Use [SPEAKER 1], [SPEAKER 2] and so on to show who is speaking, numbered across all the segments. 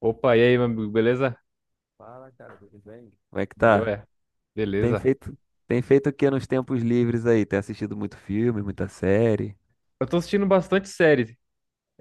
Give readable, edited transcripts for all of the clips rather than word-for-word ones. [SPEAKER 1] Opa, e aí, meu amigo, beleza?
[SPEAKER 2] Fala, cara, tudo bem? Como é que tá?
[SPEAKER 1] Joia.
[SPEAKER 2] Tem
[SPEAKER 1] Beleza.
[SPEAKER 2] feito, tem feito o que nos tempos livres aí? Tem assistido muito filme, muita série?
[SPEAKER 1] Eu tô assistindo bastante série.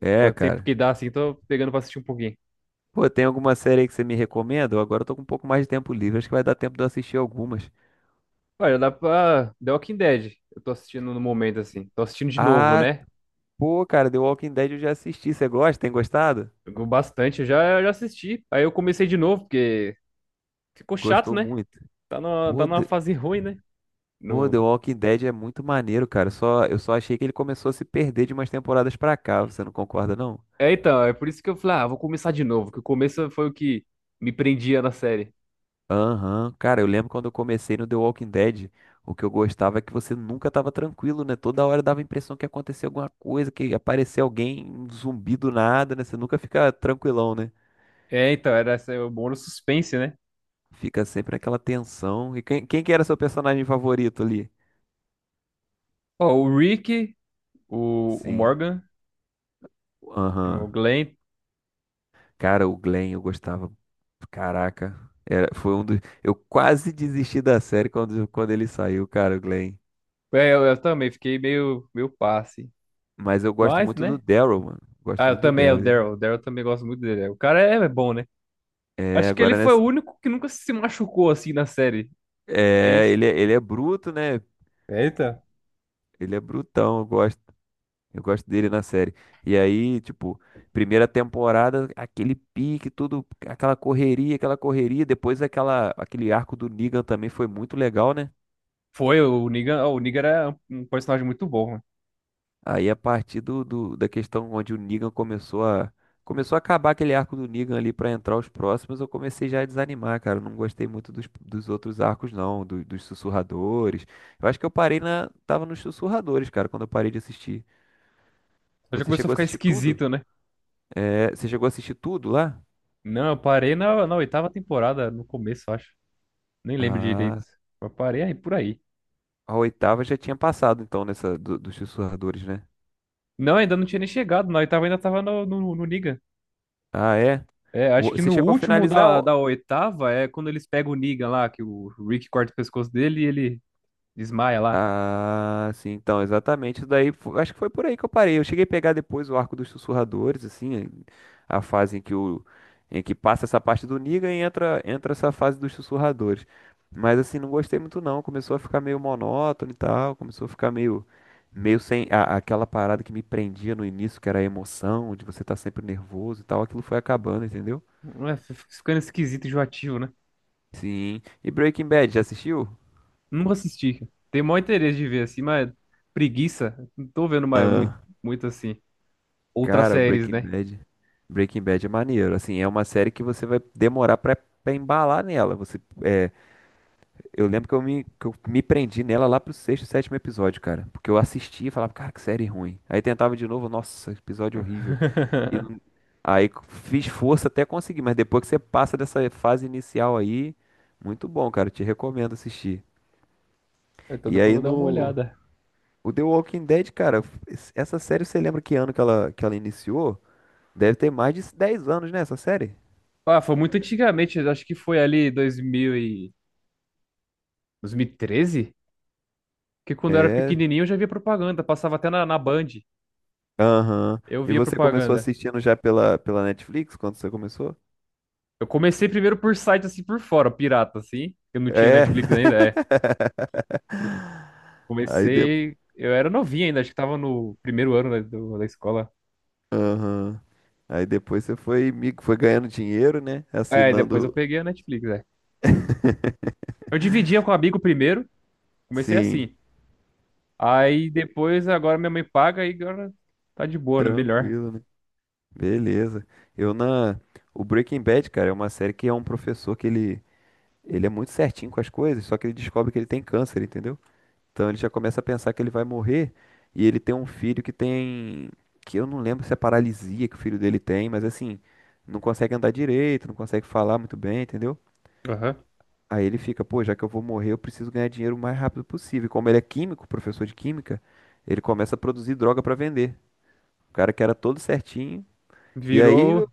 [SPEAKER 2] É,
[SPEAKER 1] Quanto tempo
[SPEAKER 2] cara.
[SPEAKER 1] que dá, assim, tô pegando pra assistir um pouquinho.
[SPEAKER 2] Pô, tem alguma série aí que você me recomenda? Eu Agora eu tô com um pouco mais de tempo livre, acho que vai dar tempo de eu assistir algumas.
[SPEAKER 1] Olha, dá pra... The Walking Dead. Eu tô assistindo no momento, assim. Tô assistindo de novo,
[SPEAKER 2] Ah,
[SPEAKER 1] né?
[SPEAKER 2] pô, cara, The Walking Dead eu já assisti. Você gosta? Tem gostado?
[SPEAKER 1] Jogou bastante, eu já assisti. Aí eu comecei de novo, porque ficou chato,
[SPEAKER 2] Gostou
[SPEAKER 1] né?
[SPEAKER 2] muito.
[SPEAKER 1] Tá numa, tá
[SPEAKER 2] Pô,
[SPEAKER 1] numa
[SPEAKER 2] The,
[SPEAKER 1] fase ruim, né?
[SPEAKER 2] Pô, The
[SPEAKER 1] No...
[SPEAKER 2] Walking Dead é muito maneiro, cara. Só, eu só achei que ele começou a se perder de umas temporadas pra cá. Você não concorda, não?
[SPEAKER 1] É, então, é por isso que eu falei, ah, vou começar de novo, que o começo foi o que me prendia na série.
[SPEAKER 2] Aham. Cara, eu lembro quando eu comecei no The Walking Dead, o que eu gostava é que você nunca tava tranquilo, né? Toda hora dava a impressão que acontecia alguma coisa, que aparecia alguém, um zumbi do nada, né? Você nunca fica tranquilão, né?
[SPEAKER 1] É, então, era essa- o bom no suspense, né?
[SPEAKER 2] Fica sempre aquela tensão. E quem que era seu personagem favorito ali?
[SPEAKER 1] Ó, o Rick, o
[SPEAKER 2] Sim.
[SPEAKER 1] Morgan,
[SPEAKER 2] Aham.
[SPEAKER 1] o Glenn.
[SPEAKER 2] Cara, o Glenn eu gostava. Caraca. Era, foi um dos. Eu quase desisti da série quando ele saiu, cara, o Glenn.
[SPEAKER 1] É, eu também fiquei meio, meio passe.
[SPEAKER 2] Mas eu gosto
[SPEAKER 1] Mas,
[SPEAKER 2] muito do
[SPEAKER 1] né?
[SPEAKER 2] Daryl, mano. Gosto
[SPEAKER 1] Ah, eu
[SPEAKER 2] muito do
[SPEAKER 1] também, é o
[SPEAKER 2] Daryl.
[SPEAKER 1] Daryl. O Daryl também gosto muito dele. O cara é, é bom, né?
[SPEAKER 2] É,
[SPEAKER 1] Acho que ele
[SPEAKER 2] agora né?
[SPEAKER 1] foi o único que nunca se machucou assim na série. É
[SPEAKER 2] É,
[SPEAKER 1] isso.
[SPEAKER 2] ele é bruto, né?
[SPEAKER 1] Eita.
[SPEAKER 2] Ele é brutão, eu gosto dele na série. E aí, tipo, primeira temporada, aquele pique, tudo, aquela correria, depois aquela, aquele arco do Negan também foi muito legal, né?
[SPEAKER 1] Foi, o Negan era um personagem muito bom, né?
[SPEAKER 2] Aí a partir da questão onde o Negan começou a acabar aquele arco do Negan ali pra entrar os próximos, eu comecei já a desanimar, cara. Eu não gostei muito dos outros arcos, não, dos sussurradores. Eu acho que eu parei tava nos sussurradores, cara, quando eu parei de assistir.
[SPEAKER 1] Só já
[SPEAKER 2] Você
[SPEAKER 1] começou a
[SPEAKER 2] chegou a
[SPEAKER 1] ficar
[SPEAKER 2] assistir tudo?
[SPEAKER 1] esquisito, né?
[SPEAKER 2] É, você chegou a assistir tudo lá?
[SPEAKER 1] Não, eu parei na, na oitava temporada, no começo, eu acho. Nem lembro direito.
[SPEAKER 2] Ah,
[SPEAKER 1] Eu parei aí por aí.
[SPEAKER 2] a oitava já tinha passado, então, nessa dos sussurradores, né?
[SPEAKER 1] Não, ainda não tinha nem chegado. Na oitava ainda tava no, no, no Negan.
[SPEAKER 2] Ah, é?
[SPEAKER 1] É, acho que
[SPEAKER 2] Você
[SPEAKER 1] no
[SPEAKER 2] chegou a
[SPEAKER 1] último
[SPEAKER 2] finalizar.
[SPEAKER 1] da, da oitava é quando eles pegam o Negan lá, que o Rick corta o pescoço dele e ele desmaia lá.
[SPEAKER 2] Ah, sim, então, exatamente. Isso daí, acho que foi por aí que eu parei. Eu cheguei a pegar depois o Arco dos Sussurradores, assim, a fase em que o em que passa essa parte do Negan e entra essa fase dos Sussurradores. Mas assim, não gostei muito não. Começou a ficar meio monótono e tal, começou a ficar meio sem a- aquela parada que me prendia no início, que era a emoção, de você estar sempre nervoso e tal, aquilo foi acabando, entendeu?
[SPEAKER 1] É, fica ficando esquisito e enjoativo, né?
[SPEAKER 2] Sim. E Breaking Bad, já assistiu?
[SPEAKER 1] Não assisti, cara. Tenho maior interesse de ver assim, mas preguiça. Não tô vendo mais muito, muito assim. Outras
[SPEAKER 2] Cara, o
[SPEAKER 1] séries,
[SPEAKER 2] Breaking
[SPEAKER 1] né?
[SPEAKER 2] Bad, Breaking Bad é maneiro. Assim, é uma série que você vai demorar pra embalar nela. Eu lembro que que eu me prendi nela lá pro sexto, sétimo episódio, cara. Porque eu assistia e falava, cara, que série ruim. Aí tentava de novo, nossa, episódio horrível. E não- aí fiz força até conseguir, mas depois que você passa dessa fase inicial aí, muito bom, cara. Te recomendo assistir.
[SPEAKER 1] Então
[SPEAKER 2] E
[SPEAKER 1] depois
[SPEAKER 2] aí
[SPEAKER 1] eu vou dar uma
[SPEAKER 2] no
[SPEAKER 1] olhada.
[SPEAKER 2] O The Walking Dead, cara, essa série você lembra que ano que ela iniciou? Deve ter mais de 10 anos, né, essa série?
[SPEAKER 1] Ah, foi muito antigamente, eu acho que foi ali 2013, que quando eu era
[SPEAKER 2] É.
[SPEAKER 1] pequenininho eu já via propaganda, passava até na, na Band.
[SPEAKER 2] Aham.
[SPEAKER 1] Eu
[SPEAKER 2] E
[SPEAKER 1] via
[SPEAKER 2] você começou
[SPEAKER 1] propaganda.
[SPEAKER 2] assistindo já pela Netflix quando você começou?
[SPEAKER 1] Eu comecei primeiro por site assim por fora, pirata assim. Eu não tinha
[SPEAKER 2] É.
[SPEAKER 1] Netflix ainda, é.
[SPEAKER 2] Aí, de...
[SPEAKER 1] Comecei, eu era novinho ainda, acho que tava no primeiro ano, né, do- da escola.
[SPEAKER 2] Aham. Aí depois você foi, foi ganhando dinheiro, né?
[SPEAKER 1] É, e depois eu
[SPEAKER 2] Assinando.
[SPEAKER 1] peguei a Netflix, é. Eu dividia com um amigo primeiro, comecei
[SPEAKER 2] Sim,
[SPEAKER 1] assim. Aí depois agora minha mãe paga e agora tá de boa, né? Melhor.
[SPEAKER 2] tranquilo, né? Beleza. Eu na. O Breaking Bad, cara, é uma série que é um professor que ele. Ele é muito certinho com as coisas, só que ele descobre que ele tem câncer, entendeu? Então ele já começa a pensar que ele vai morrer e ele tem um filho que tem, que eu não lembro se é paralisia que o filho dele tem, mas assim, não consegue andar direito, não consegue falar muito bem, entendeu?
[SPEAKER 1] Aham.
[SPEAKER 2] Aí ele fica, pô, já que eu vou morrer, eu preciso ganhar dinheiro o mais rápido possível. E como ele é químico, professor de química, ele começa a produzir droga pra vender. O cara que era todo certinho. E aí,
[SPEAKER 1] Virou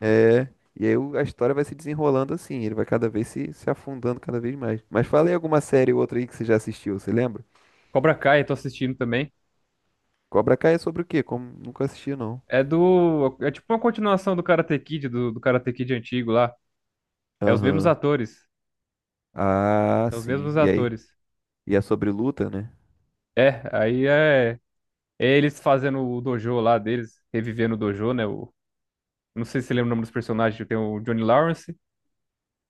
[SPEAKER 2] é, e aí a história vai se desenrolando assim, ele vai cada vez se afundando cada vez mais. Mas fala aí alguma série ou outra aí que você já assistiu, você lembra?
[SPEAKER 1] Cobra Kai, tô assistindo também.
[SPEAKER 2] Cobra Kai é sobre o quê? Como nunca assisti, não.
[SPEAKER 1] É do. É tipo uma continuação do Karate Kid, do, do Karate Kid antigo lá. É os mesmos
[SPEAKER 2] Aham.
[SPEAKER 1] atores.
[SPEAKER 2] Ah,
[SPEAKER 1] É os
[SPEAKER 2] sim.
[SPEAKER 1] mesmos
[SPEAKER 2] E aí?
[SPEAKER 1] atores.
[SPEAKER 2] E é sobre luta, né?
[SPEAKER 1] É, aí é. É, eles fazendo o dojo lá deles, revivendo o dojo, né? O, não sei se você lembra o nome dos personagens, tem o Johnny Lawrence,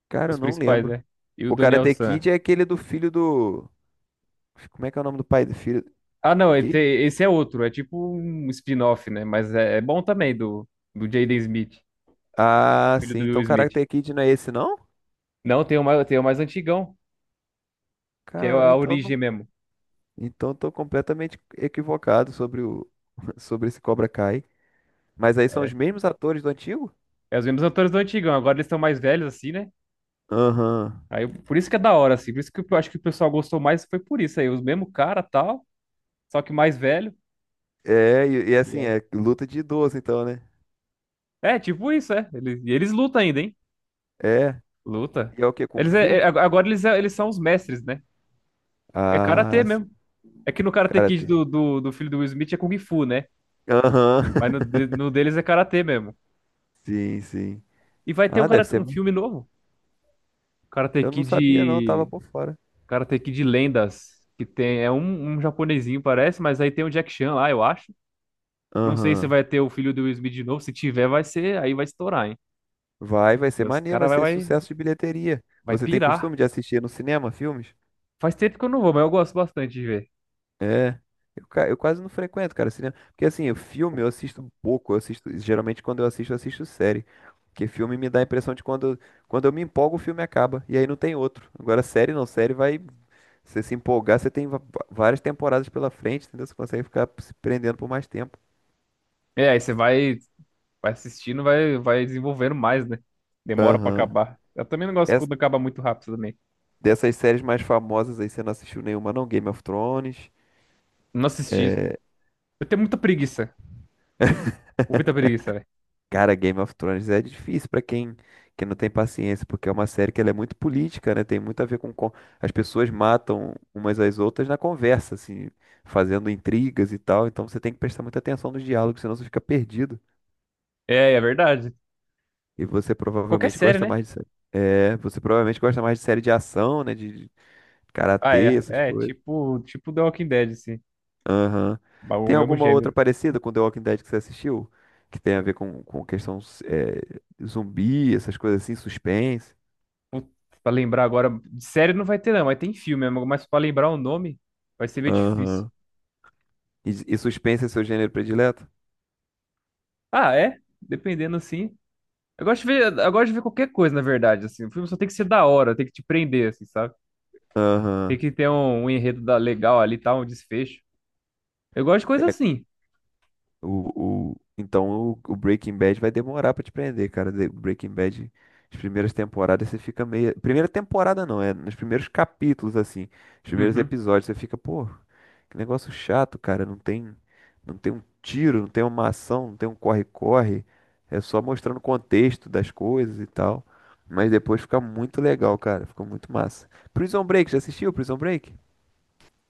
[SPEAKER 2] Cara, eu
[SPEAKER 1] os
[SPEAKER 2] não
[SPEAKER 1] principais,
[SPEAKER 2] lembro.
[SPEAKER 1] né? E o
[SPEAKER 2] O
[SPEAKER 1] Daniel
[SPEAKER 2] Karate
[SPEAKER 1] San.
[SPEAKER 2] Kid é aquele do filho do. Como é que é o nome do pai do filho?
[SPEAKER 1] Ah, não, e
[SPEAKER 2] Que?
[SPEAKER 1] tem- esse é outro, é tipo um spin-off, né? Mas é, é bom também, do, do Jaden Smith,
[SPEAKER 2] Ah,
[SPEAKER 1] filho
[SPEAKER 2] sim.
[SPEAKER 1] do Will
[SPEAKER 2] Então
[SPEAKER 1] Smith.
[SPEAKER 2] Karate Kid não é esse, não?
[SPEAKER 1] Não, tem o mais antigão, que é
[SPEAKER 2] Cara,
[SPEAKER 1] a
[SPEAKER 2] então
[SPEAKER 1] origem
[SPEAKER 2] não...
[SPEAKER 1] mesmo.
[SPEAKER 2] então eu tô completamente equivocado sobre o sobre esse Cobra Kai. Mas aí são
[SPEAKER 1] É,
[SPEAKER 2] os mesmos atores do antigo?
[SPEAKER 1] é os mesmos atores do antigão, agora eles estão mais velhos, assim, né?
[SPEAKER 2] Aham.
[SPEAKER 1] Aí, por isso que é da hora, assim, por isso que eu acho que o pessoal gostou mais, foi por isso aí, os mesmo cara, tal, só que mais velho.
[SPEAKER 2] É, e
[SPEAKER 1] E
[SPEAKER 2] assim,
[SPEAKER 1] aí,
[SPEAKER 2] é luta de idoso, então, né?
[SPEAKER 1] é, tipo isso, é. Eles, e eles lutam ainda, hein?
[SPEAKER 2] É.
[SPEAKER 1] Luta.
[SPEAKER 2] E é o quê? Kung
[SPEAKER 1] Eles é,
[SPEAKER 2] Fu?
[SPEAKER 1] é, ag- agora eles, é- eles são os mestres, né? É karatê
[SPEAKER 2] Ah, sim.
[SPEAKER 1] mesmo. É que no Karate
[SPEAKER 2] Cara,
[SPEAKER 1] Kid do, do, do filho do Will Smith é Kung Fu, né?
[SPEAKER 2] aham.
[SPEAKER 1] Mas no, de- no deles é karatê mesmo.
[SPEAKER 2] Sim, sim.
[SPEAKER 1] E vai ter um,
[SPEAKER 2] Ah, deve
[SPEAKER 1] karate- um
[SPEAKER 2] ser.
[SPEAKER 1] filme novo. Karate
[SPEAKER 2] Eu não sabia, não, tava
[SPEAKER 1] Kid.
[SPEAKER 2] por fora.
[SPEAKER 1] Karate Kid Lendas. Que tem. É um, um japonesinho, parece, mas aí tem o Jack Chan lá, eu acho. Não sei se
[SPEAKER 2] Aham.
[SPEAKER 1] vai ter o filho do Will Smith de novo. Se tiver, vai ser. Aí vai estourar, hein?
[SPEAKER 2] Vai
[SPEAKER 1] E
[SPEAKER 2] ser
[SPEAKER 1] os
[SPEAKER 2] maneiro,
[SPEAKER 1] caras
[SPEAKER 2] vai
[SPEAKER 1] vai,
[SPEAKER 2] ser sucesso de bilheteria.
[SPEAKER 1] vai
[SPEAKER 2] Você tem
[SPEAKER 1] pirar.
[SPEAKER 2] costume de assistir no cinema filmes?
[SPEAKER 1] Faz tempo que eu não vou, mas eu gosto bastante de ver.
[SPEAKER 2] É. Eu quase não frequento, cara, cinema. Porque assim, o filme eu assisto pouco. Eu assisto, geralmente quando eu assisto série. Porque filme me dá a impressão de quando eu me empolgo, o filme acaba. E aí não tem outro. Agora, série não, série vai. Você se empolgar, você tem várias temporadas pela frente, entendeu? Você consegue ficar se prendendo por mais tempo.
[SPEAKER 1] É, aí você vai. Vai assistindo, vai, vai desenvolvendo mais, né? Demora pra
[SPEAKER 2] Aham.
[SPEAKER 1] acabar. Eu também não gosto quando acaba muito rápido também.
[SPEAKER 2] Dessas séries mais famosas aí, você não assistiu nenhuma, não? Game of Thrones.
[SPEAKER 1] Não assisti. Eu tenho muita preguiça. Muita preguiça, velho.
[SPEAKER 2] Cara, Game of Thrones é difícil pra quem não tem paciência, porque é uma série que ela é muito política, né? Tem muito a ver com... As pessoas matam umas às outras na conversa, assim, fazendo intrigas e tal. Então você tem que prestar muita atenção nos diálogos, senão você fica perdido.
[SPEAKER 1] É, é verdade.
[SPEAKER 2] E você
[SPEAKER 1] Qualquer
[SPEAKER 2] provavelmente
[SPEAKER 1] série,
[SPEAKER 2] gosta
[SPEAKER 1] né?
[SPEAKER 2] mais de série. É, você provavelmente gosta mais de série de ação, né? De
[SPEAKER 1] Ah,
[SPEAKER 2] karatê,
[SPEAKER 1] é.
[SPEAKER 2] essas
[SPEAKER 1] É,
[SPEAKER 2] coisas.
[SPEAKER 1] tipo, tipo The Walking Dead, assim.
[SPEAKER 2] Aham.
[SPEAKER 1] O
[SPEAKER 2] Tem
[SPEAKER 1] mesmo
[SPEAKER 2] alguma outra
[SPEAKER 1] gênero.
[SPEAKER 2] parecida com The Walking Dead que você assistiu? Que tem a ver com questão é, zumbi, essas coisas assim, suspense?
[SPEAKER 1] Putz, pra lembrar agora. De série não vai ter, não, mas tem filme mesmo. Mas pra lembrar o nome, vai ser meio difícil.
[SPEAKER 2] Aham. E suspense é seu gênero predileto?
[SPEAKER 1] Ah, é? Dependendo, assim. Eu gosto de ver, eu gosto de ver qualquer coisa, na verdade, assim. O filme só tem que ser da hora, tem que te prender, assim, sabe? Tem
[SPEAKER 2] Aham.
[SPEAKER 1] que ter um, um enredo da- legal ali, tá? Um desfecho. Eu gosto de coisa assim.
[SPEAKER 2] O Breaking Bad vai demorar pra te prender, cara. The Breaking Bad, as primeiras temporadas você fica meio. Primeira temporada não, é nos primeiros capítulos, assim, os primeiros
[SPEAKER 1] Uhum.
[SPEAKER 2] episódios, você fica, pô, que negócio chato, cara. Não tem um tiro, não tem uma ação, não tem um corre-corre. É só mostrando o contexto das coisas e tal. Mas depois fica muito legal, cara. Fica muito massa. Prison Break, já assistiu Prison Break?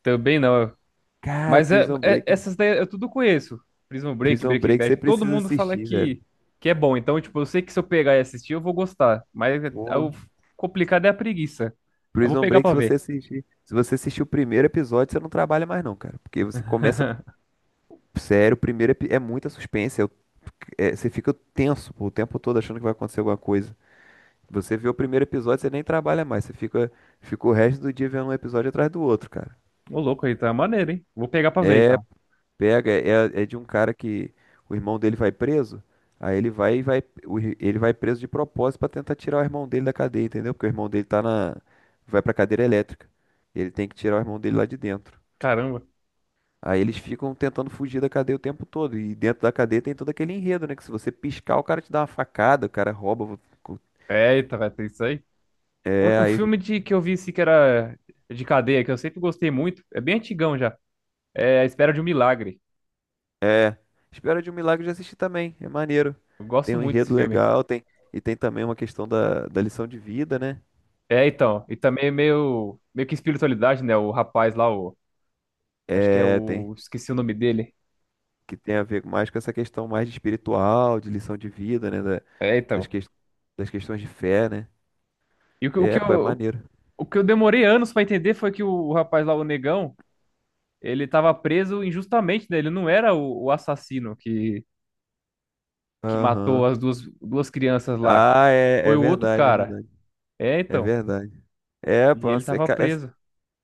[SPEAKER 1] Também não.
[SPEAKER 2] Cara,
[SPEAKER 1] Mas é,
[SPEAKER 2] Prison
[SPEAKER 1] é-
[SPEAKER 2] Break.
[SPEAKER 1] essas daí eu tudo conheço. Prison Break,
[SPEAKER 2] Prison
[SPEAKER 1] Breaking
[SPEAKER 2] Break você
[SPEAKER 1] Bad, todo
[SPEAKER 2] precisa
[SPEAKER 1] mundo fala
[SPEAKER 2] assistir, velho.
[SPEAKER 1] que é bom. Então, tipo, eu sei que se eu pegar e assistir, eu vou gostar. Mas é- é
[SPEAKER 2] Pô,
[SPEAKER 1] o complicado é a preguiça. Eu vou
[SPEAKER 2] Prison
[SPEAKER 1] pegar
[SPEAKER 2] Break,
[SPEAKER 1] pra ver.
[SPEAKER 2] se você assistir o primeiro episódio, você não trabalha mais não, cara. Porque você começa sério, o é muita suspense, você fica tenso pô, o tempo todo achando que vai acontecer alguma coisa. Você vê o primeiro episódio, você nem trabalha mais, fica o resto do dia vendo um episódio atrás do outro, cara.
[SPEAKER 1] Ô, louco, então é maneiro, hein? Vou pegar pra ver, então.
[SPEAKER 2] Pega, é, é de um cara que o irmão dele vai preso, aí ele vai e vai, ele vai preso de propósito pra tentar tirar o irmão dele da cadeia, entendeu? Porque o irmão dele vai pra cadeira elétrica. Ele tem que tirar o irmão dele lá de dentro.
[SPEAKER 1] Caramba.
[SPEAKER 2] Aí eles ficam tentando fugir da cadeia o tempo todo. E dentro da cadeia tem todo aquele enredo, né? Que se você piscar, o cara te dá uma facada, o cara rouba.
[SPEAKER 1] Eita, vai ter isso aí.
[SPEAKER 2] É,
[SPEAKER 1] Um
[SPEAKER 2] aí.
[SPEAKER 1] filme de, que eu vi, assim, que era de cadeia, que eu sempre gostei muito. É bem antigão já. É A Espera de um Milagre.
[SPEAKER 2] Espera de um Milagre já assisti também. É maneiro.
[SPEAKER 1] Eu
[SPEAKER 2] Tem
[SPEAKER 1] gosto
[SPEAKER 2] um
[SPEAKER 1] muito desse
[SPEAKER 2] enredo
[SPEAKER 1] filme.
[SPEAKER 2] legal, tem. E tem também uma questão da lição de vida, né?
[SPEAKER 1] É, então. E também é meio, meio que espiritualidade, né? O rapaz lá, o, acho que é
[SPEAKER 2] É, tem.
[SPEAKER 1] o. Esqueci o nome dele.
[SPEAKER 2] Que tem a ver mais com essa questão mais de espiritual, de lição de vida, né?
[SPEAKER 1] É,
[SPEAKER 2] Das,
[SPEAKER 1] então.
[SPEAKER 2] ques- das questões de fé, né?
[SPEAKER 1] E
[SPEAKER 2] É, pô, é maneiro.
[SPEAKER 1] o que eu demorei anos pra entender foi que o rapaz lá, o negão, ele tava preso injustamente, né? Ele não era o assassino que matou
[SPEAKER 2] Aham.
[SPEAKER 1] as duas, duas crianças lá.
[SPEAKER 2] Ah, é,
[SPEAKER 1] Foi
[SPEAKER 2] é
[SPEAKER 1] o outro
[SPEAKER 2] verdade, é
[SPEAKER 1] cara.
[SPEAKER 2] verdade.
[SPEAKER 1] É,
[SPEAKER 2] É
[SPEAKER 1] então.
[SPEAKER 2] verdade. É, pô,
[SPEAKER 1] E ele
[SPEAKER 2] é,
[SPEAKER 1] tava
[SPEAKER 2] ca- é-
[SPEAKER 1] preso.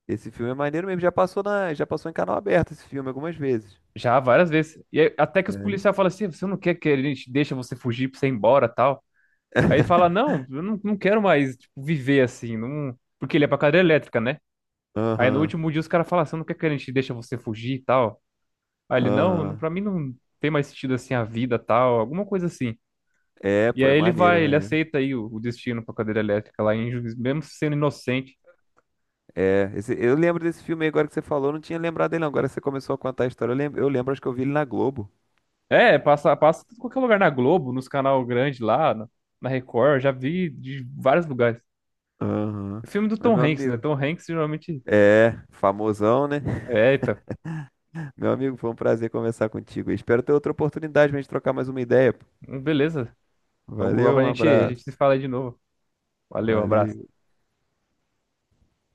[SPEAKER 2] Esse filme é maneiro mesmo. Já passou em canal aberto esse filme algumas vezes.
[SPEAKER 1] Já várias vezes. E aí, até que os
[SPEAKER 2] É.
[SPEAKER 1] policiais falam assim: você não quer que a gente deixa você fugir pra você ir embora tal? Aí ele fala, não, eu não, não quero mais, tipo, viver assim, não... porque ele é pra cadeira elétrica, né? Aí no
[SPEAKER 2] Aham,
[SPEAKER 1] último dia os caras falam, você não quer que a gente deixa você fugir e tal? Aí ele, não, não,
[SPEAKER 2] aham.
[SPEAKER 1] pra mim não tem mais sentido assim a vida tal, alguma coisa assim.
[SPEAKER 2] É,
[SPEAKER 1] E
[SPEAKER 2] pô, é
[SPEAKER 1] aí ele
[SPEAKER 2] maneiro, é
[SPEAKER 1] vai, ele
[SPEAKER 2] maneiro.
[SPEAKER 1] aceita aí o destino pra cadeira elétrica lá, em Juiz- mesmo sendo inocente.
[SPEAKER 2] É, eu lembro desse filme aí agora que você falou, eu não tinha lembrado dele não. Agora você começou a contar a história, eu lembro, acho que eu vi ele na Globo.
[SPEAKER 1] É, passa, passa em qualquer lugar na Globo, nos canal grande lá, na, na Record, já vi de vários lugares.
[SPEAKER 2] Aham.
[SPEAKER 1] O filme do
[SPEAKER 2] Mas
[SPEAKER 1] Tom
[SPEAKER 2] meu
[SPEAKER 1] Hanks, né?
[SPEAKER 2] amigo,
[SPEAKER 1] Tom Hanks geralmente...
[SPEAKER 2] é, famosão, né?
[SPEAKER 1] É, eita,
[SPEAKER 2] Meu amigo, foi um prazer conversar contigo. Espero ter outra oportunidade pra gente trocar mais uma ideia, pô.
[SPEAKER 1] beleza, logo, logo
[SPEAKER 2] Valeu, um
[SPEAKER 1] a
[SPEAKER 2] abraço.
[SPEAKER 1] gente se fala aí de novo. Valeu, abraço.
[SPEAKER 2] Valeu.